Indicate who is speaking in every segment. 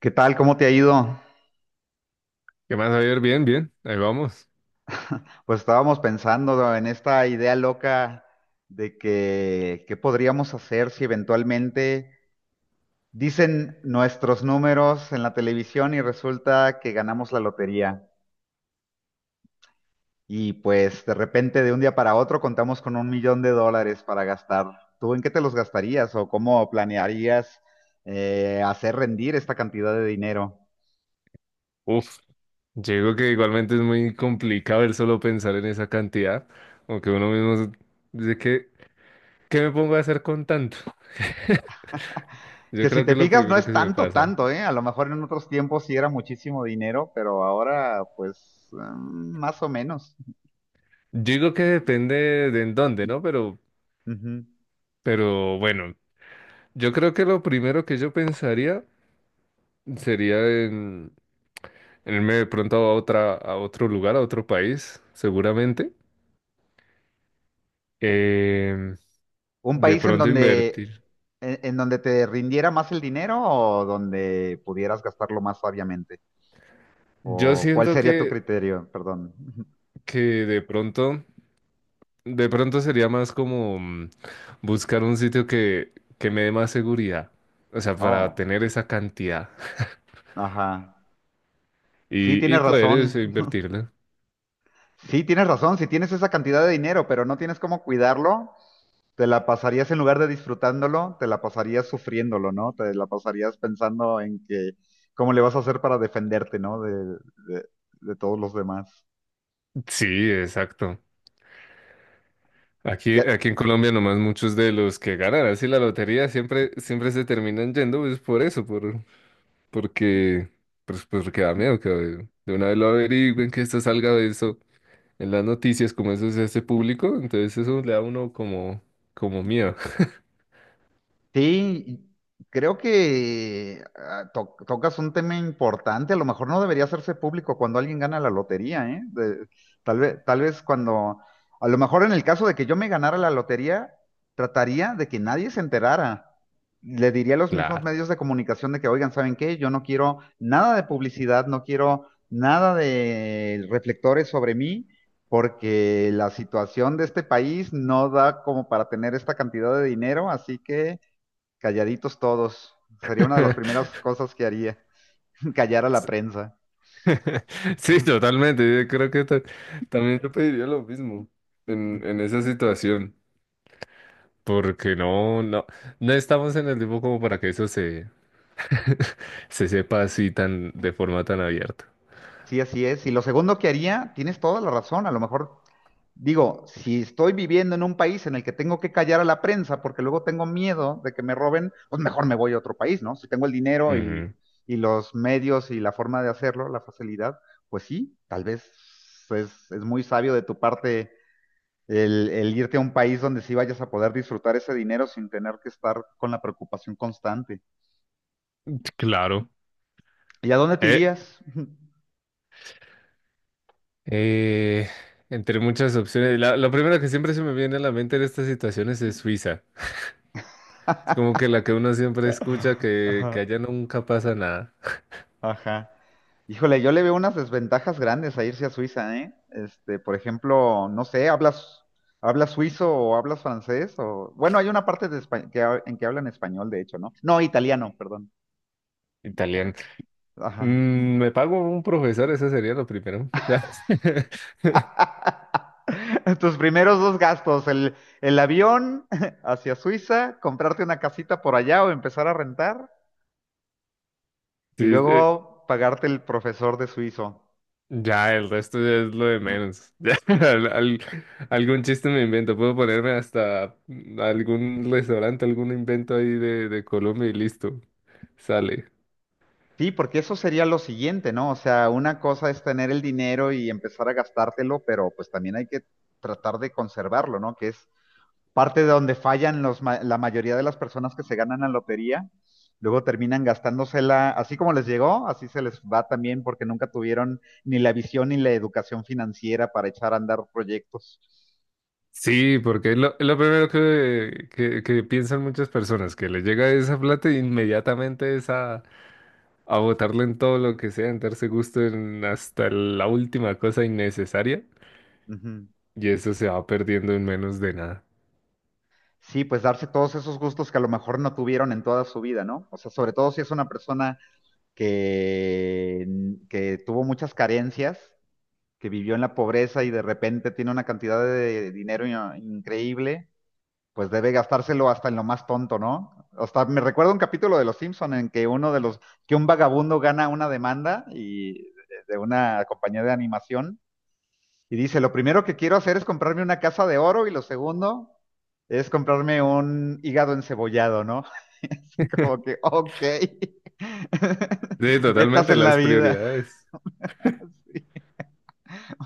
Speaker 1: ¿Qué tal? ¿Cómo te ha ido?
Speaker 2: ¿Qué más, Javier? Bien, bien, ahí vamos.
Speaker 1: Pues estábamos pensando en esta idea loca de que qué podríamos hacer si eventualmente dicen nuestros números en la televisión y resulta que ganamos la lotería. Y pues de repente de un día para otro contamos con $1,000,000 para gastar. ¿Tú en qué te los gastarías o cómo planearías hacer rendir esta cantidad de dinero?
Speaker 2: Uf, yo digo que igualmente es muy complicado el solo pensar en esa cantidad, aunque dice que, ¿qué me pongo a hacer con tanto? Yo
Speaker 1: Que si
Speaker 2: creo que
Speaker 1: te
Speaker 2: es lo
Speaker 1: fijas, no
Speaker 2: primero
Speaker 1: es
Speaker 2: que se me
Speaker 1: tanto,
Speaker 2: pasa.
Speaker 1: tanto, ¿eh? A lo mejor en otros tiempos sí era muchísimo dinero, pero ahora, pues, más o menos.
Speaker 2: Yo digo que depende de en dónde, ¿no? Pero,
Speaker 1: Ujú.
Speaker 2: pero bueno, yo creo que lo primero que yo pensaría sería en, en irme de pronto a a otro lugar, a otro país, seguramente. Em,
Speaker 1: ¿Un
Speaker 2: de
Speaker 1: país en
Speaker 2: pronto invertir.
Speaker 1: donde, en donde te rindiera más el dinero o donde pudieras gastarlo más sabiamente?
Speaker 2: Yo
Speaker 1: ¿O cuál
Speaker 2: siento
Speaker 1: sería tu
Speaker 2: que
Speaker 1: criterio? Perdón.
Speaker 2: que de pronto, de pronto sería más como buscar un sitio que me dé más seguridad, o sea, para
Speaker 1: Oh,
Speaker 2: tener esa cantidad
Speaker 1: ajá. Sí,
Speaker 2: y
Speaker 1: tienes
Speaker 2: poder eso,
Speaker 1: razón.
Speaker 2: invertirla.
Speaker 1: Sí, tienes razón. Si tienes esa cantidad de dinero, pero no tienes cómo cuidarlo, te la pasarías en lugar de disfrutándolo, te la pasarías sufriéndolo, ¿no? Te la pasarías pensando en que cómo le vas a hacer para defenderte, ¿no? De- de todos los demás.
Speaker 2: Sí, exacto. Aquí,
Speaker 1: Y,
Speaker 2: aquí en Colombia nomás muchos de los que ganan así la lotería siempre, siempre se terminan yendo, pues por eso, porque, pues, porque da miedo que de una vez lo averigüen, que esto salga de eso en las noticias, como eso se hace público, entonces eso le da a uno como, como miedo.
Speaker 1: Sí, creo que tocas un tema importante. A lo mejor no debería hacerse público cuando alguien gana la lotería, ¿eh? Tal vez, a lo mejor en el caso de que yo me ganara la lotería, trataría de que nadie se enterara. Le diría a los mismos
Speaker 2: Claro.
Speaker 1: medios de comunicación de que, oigan, ¿saben qué? Yo no quiero nada de publicidad, no quiero nada de reflectores sobre mí, porque la situación de este país no da como para tener esta cantidad de dinero, así que calladitos todos. Sería una de las primeras cosas que haría, callar a la prensa.
Speaker 2: Sí, totalmente. Yo creo que también yo pediría lo mismo en esa situación. Porque no estamos en el tiempo como para que eso se sepa así tan, de forma tan abierta.
Speaker 1: Sí, así es. Y lo segundo que haría, tienes toda la razón, a lo mejor digo, si estoy viviendo en un país en el que tengo que callar a la prensa porque luego tengo miedo de que me roben, pues mejor me voy a otro país, ¿no? Si tengo el dinero
Speaker 2: Ujú.
Speaker 1: y los medios y la forma de hacerlo, la facilidad, pues sí, tal vez es muy sabio de tu parte el irte a un país donde sí vayas a poder disfrutar ese dinero sin tener que estar con la preocupación constante.
Speaker 2: Claro.
Speaker 1: ¿Y a dónde te
Speaker 2: Eh,
Speaker 1: irías?
Speaker 2: eh, entre muchas opciones. La primera que siempre se me viene a la mente en estas situaciones es Suiza. Es como que la que uno siempre escucha que
Speaker 1: Ajá,
Speaker 2: allá nunca pasa nada.
Speaker 1: ajá. Híjole, yo le veo unas desventajas grandes a irse a Suiza, ¿eh? Este, por ejemplo, no sé, hablas suizo o hablas francés o, bueno, hay una parte de en que hablan español, de hecho, ¿no? No, italiano, perdón. Ajá.
Speaker 2: Mm, me pago un profesor, eso sería lo primero.
Speaker 1: Tus primeros dos gastos, el avión hacia Suiza, comprarte una casita por allá o empezar a rentar
Speaker 2: Sí,
Speaker 1: y luego pagarte el profesor de suizo.
Speaker 2: ya, el resto ya es lo de menos. Ya, algún chiste me invento, puedo ponerme hasta algún restaurante, algún invento ahí de Colombia y listo, sale.
Speaker 1: Sí, porque eso sería lo siguiente, ¿no? O sea, una cosa es tener el dinero y empezar a gastártelo, pero pues también hay que tratar de conservarlo, ¿no? Que es parte de donde fallan la mayoría de las personas que se ganan la lotería. Luego terminan gastándosela, así como les llegó, así se les va también porque nunca tuvieron ni la visión ni la educación financiera para echar a andar proyectos.
Speaker 2: Sí, porque es es lo primero que piensan muchas personas, que les llega esa plata e inmediatamente es a botarla en todo lo que sea, en darse gusto en hasta la última cosa innecesaria.
Speaker 1: Ujú.
Speaker 2: Y eso se va perdiendo en menos de nada.
Speaker 1: Sí, pues darse todos esos gustos que a lo mejor no tuvieron en toda su vida, ¿no? O sea, sobre todo si es una persona que, que tuvo muchas carencias, que vivió en la pobreza y de repente tiene una cantidad de dinero increíble, pues debe gastárselo hasta en lo más tonto, ¿no? Hasta me recuerdo un capítulo de Los Simpson en que que un vagabundo gana una demanda de una compañía de animación y dice, lo primero que quiero hacer es comprarme una casa de oro y lo segundo es comprarme un hígado encebollado, ¿no? Así como que, ok,
Speaker 2: Sí,
Speaker 1: metas
Speaker 2: totalmente,
Speaker 1: en la
Speaker 2: las
Speaker 1: vida.
Speaker 2: prioridades.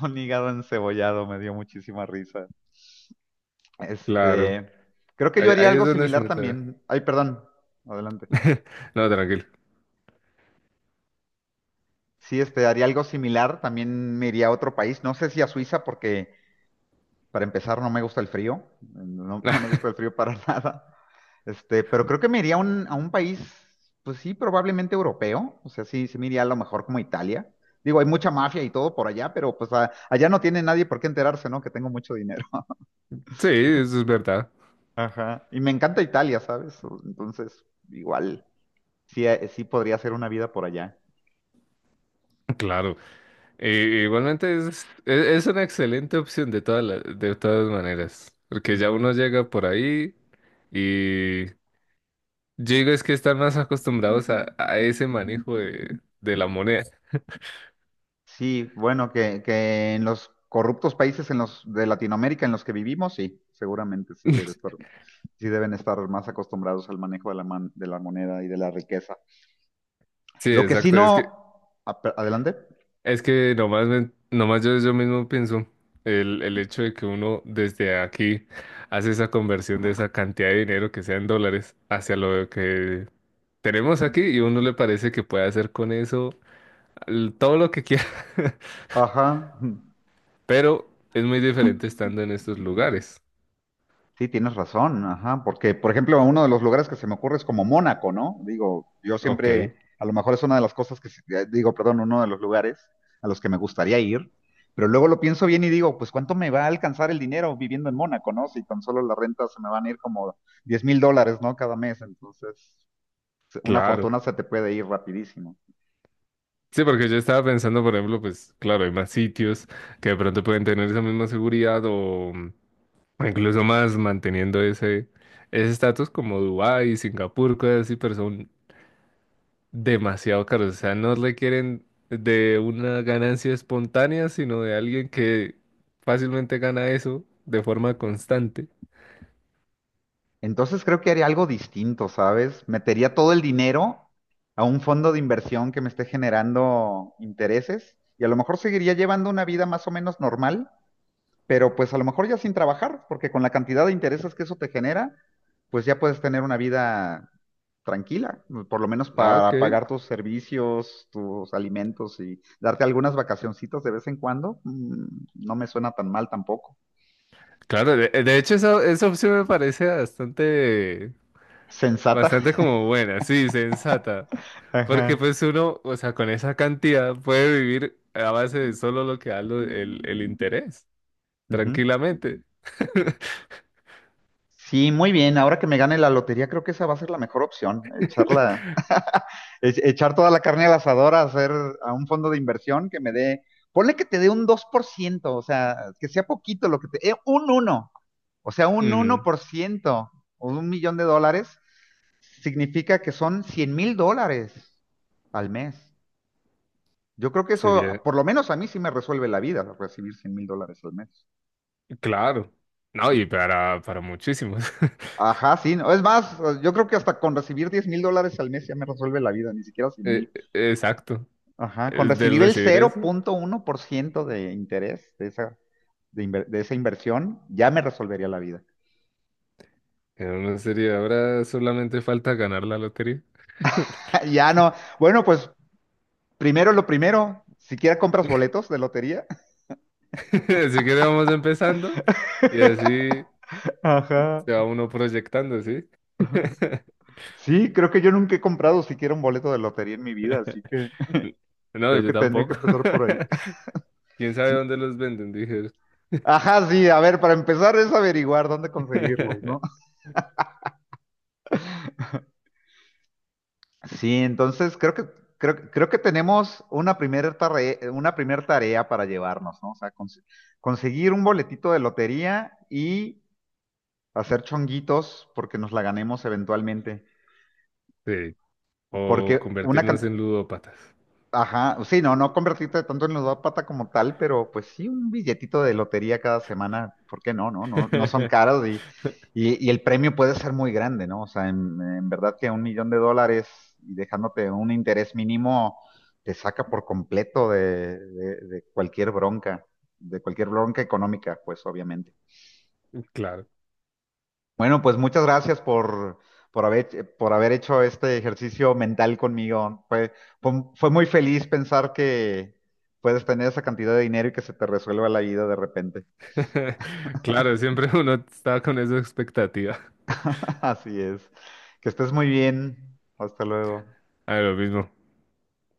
Speaker 1: Un hígado encebollado me dio muchísima risa.
Speaker 2: Claro.
Speaker 1: Este, creo que yo
Speaker 2: Ahí,
Speaker 1: haría
Speaker 2: ahí es
Speaker 1: algo
Speaker 2: donde se
Speaker 1: similar
Speaker 2: nota.
Speaker 1: también. Ay, perdón, adelante.
Speaker 2: No, tranquilo.
Speaker 1: Sí, este, haría algo similar. También me iría a otro país. No sé si a Suiza porque para empezar, no me gusta el frío. No, no me gusta el frío para nada. Este, pero creo que me iría a a un país, pues sí, probablemente europeo. O sea, sí me iría a lo mejor como Italia. Digo, hay mucha mafia y todo por allá, pero pues allá no tiene nadie por qué enterarse, ¿no? Que tengo mucho dinero.
Speaker 2: Sí, eso es verdad.
Speaker 1: Ajá. Y me encanta Italia, ¿sabes? Entonces, igual, sí, sí podría hacer una vida por allá.
Speaker 2: Claro. Igualmente es una excelente opción de de todas maneras. Porque ya
Speaker 1: Ujú.
Speaker 2: uno llega por ahí y yo digo es que están más acostumbrados a ese manejo de la moneda.
Speaker 1: Sí, bueno, que en los corruptos países en los de Latinoamérica en los que vivimos, sí, seguramente sí debe estar, sí deben estar más acostumbrados al manejo de de la moneda y de la riqueza.
Speaker 2: Sí,
Speaker 1: Lo que sí
Speaker 2: exacto.
Speaker 1: no, Adelante.
Speaker 2: Es que nomás, nomás yo mismo pienso el hecho de que uno desde aquí hace esa conversión de esa cantidad de dinero que sea en dólares hacia lo que tenemos aquí y uno le parece que puede hacer con eso todo lo que quiera,
Speaker 1: Ajá.
Speaker 2: pero es muy diferente estando en estos lugares.
Speaker 1: Sí, tienes razón, ajá, porque por ejemplo uno de los lugares que se me ocurre es como Mónaco, ¿no? Digo, yo
Speaker 2: Ok,
Speaker 1: siempre, a lo mejor es una de las cosas que, digo, perdón, uno de los lugares a los que me gustaría ir, pero luego lo pienso bien y digo, pues ¿cuánto me va a alcanzar el dinero viviendo en Mónaco, ¿no? Si tan solo la renta se me van a ir como $10,000, ¿no? Cada mes, entonces una
Speaker 2: claro.
Speaker 1: fortuna se te puede ir rapidísimo.
Speaker 2: Sí, porque yo estaba pensando, por ejemplo, pues claro, hay más sitios que de pronto pueden tener esa misma seguridad o mm, o incluso más manteniendo ese estatus como Dubái, Singapur, cosas así, pero son demasiado caros. O sea, no requieren de una ganancia espontánea, sino de alguien que fácilmente gana eso de forma constante.
Speaker 1: Entonces creo que haría algo distinto, ¿sabes? Metería todo el dinero a un fondo de inversión que me esté generando intereses y a lo mejor seguiría llevando una vida más o menos normal, pero pues a lo mejor ya sin trabajar, porque con la cantidad de intereses que eso te genera, pues ya puedes tener una vida tranquila, por lo menos
Speaker 2: Ah, ok.
Speaker 1: para pagar tus servicios, tus alimentos y darte algunas vacacioncitas de vez en cuando. No me suena tan mal tampoco.
Speaker 2: Claro, de hecho esa opción me parece bastante,
Speaker 1: Sensata.
Speaker 2: bastante como buena, sí, sensata. Porque
Speaker 1: Ajá.
Speaker 2: pues uno, o sea, con esa cantidad puede vivir a base de solo lo que da el interés.
Speaker 1: Ujú.
Speaker 2: Tranquilamente.
Speaker 1: Sí, muy bien. Ahora que me gane la lotería, creo que esa va a ser la mejor opción. Echarla, echar toda la carne al asador, a hacer a un fondo de inversión que me dé, ponle que te dé un 2%, o sea, que sea poquito lo que te, un uno, o sea, un
Speaker 2: Ujú.
Speaker 1: 1% o $1,000,000 significa que son $100,000 al mes. Yo creo que eso,
Speaker 2: Sería,
Speaker 1: por lo menos a mí sí me resuelve la vida, recibir $100,000 al mes.
Speaker 2: claro. No, y para muchísimos.
Speaker 1: Ajá, sí, no, es más, yo creo que hasta con recibir $10,000 al mes ya me resuelve la vida, ni siquiera 100 mil.
Speaker 2: E- Exacto.
Speaker 1: Ajá, con
Speaker 2: Del
Speaker 1: recibir el
Speaker 2: recibir eso,
Speaker 1: 0.1% de interés de esa, de esa inversión, ya me resolvería la vida.
Speaker 2: en una serie ahora solamente falta ganar la lotería.
Speaker 1: Ya no, bueno, pues primero lo primero, siquiera compras boletos de lotería.
Speaker 2: Así que vamos empezando y así
Speaker 1: Ajá.
Speaker 2: se va uno proyectando, ¿sí?
Speaker 1: Sí, creo que yo nunca he comprado siquiera un boleto de lotería en mi vida, así que
Speaker 2: No,
Speaker 1: creo
Speaker 2: yo
Speaker 1: que tendría que
Speaker 2: tampoco.
Speaker 1: empezar por ahí.
Speaker 2: ¿Quién sabe dónde los venden? Dije.
Speaker 1: Ajá, sí, a ver, para empezar es averiguar dónde conseguirlos, ¿no? Sí, entonces creo que, creo que tenemos una primera tarea, una primer tarea para llevarnos, ¿no? O sea, conseguir un boletito de lotería y hacer chonguitos porque nos la ganemos eventualmente.
Speaker 2: Sí. O
Speaker 1: Porque una,
Speaker 2: convertirnos
Speaker 1: can-
Speaker 2: en ludópatas.
Speaker 1: Ajá, sí, no, no convertirte tanto en ludópata como tal, pero pues sí, un billetito de lotería cada semana, ¿por qué no? No, no, no son caros y, y el premio puede ser muy grande, ¿no? O sea, en verdad que un millón de dólares y dejándote un interés mínimo te saca por completo de, de cualquier bronca económica, pues obviamente.
Speaker 2: Claro.
Speaker 1: Bueno, pues muchas gracias por haber hecho este ejercicio mental conmigo. Fue muy feliz pensar que puedes tener esa cantidad de dinero y que se te resuelva la vida de repente.
Speaker 2: Claro, siempre uno está con esa expectativa.
Speaker 1: Así es. Que estés muy bien. Hasta luego.
Speaker 2: A lo mismo.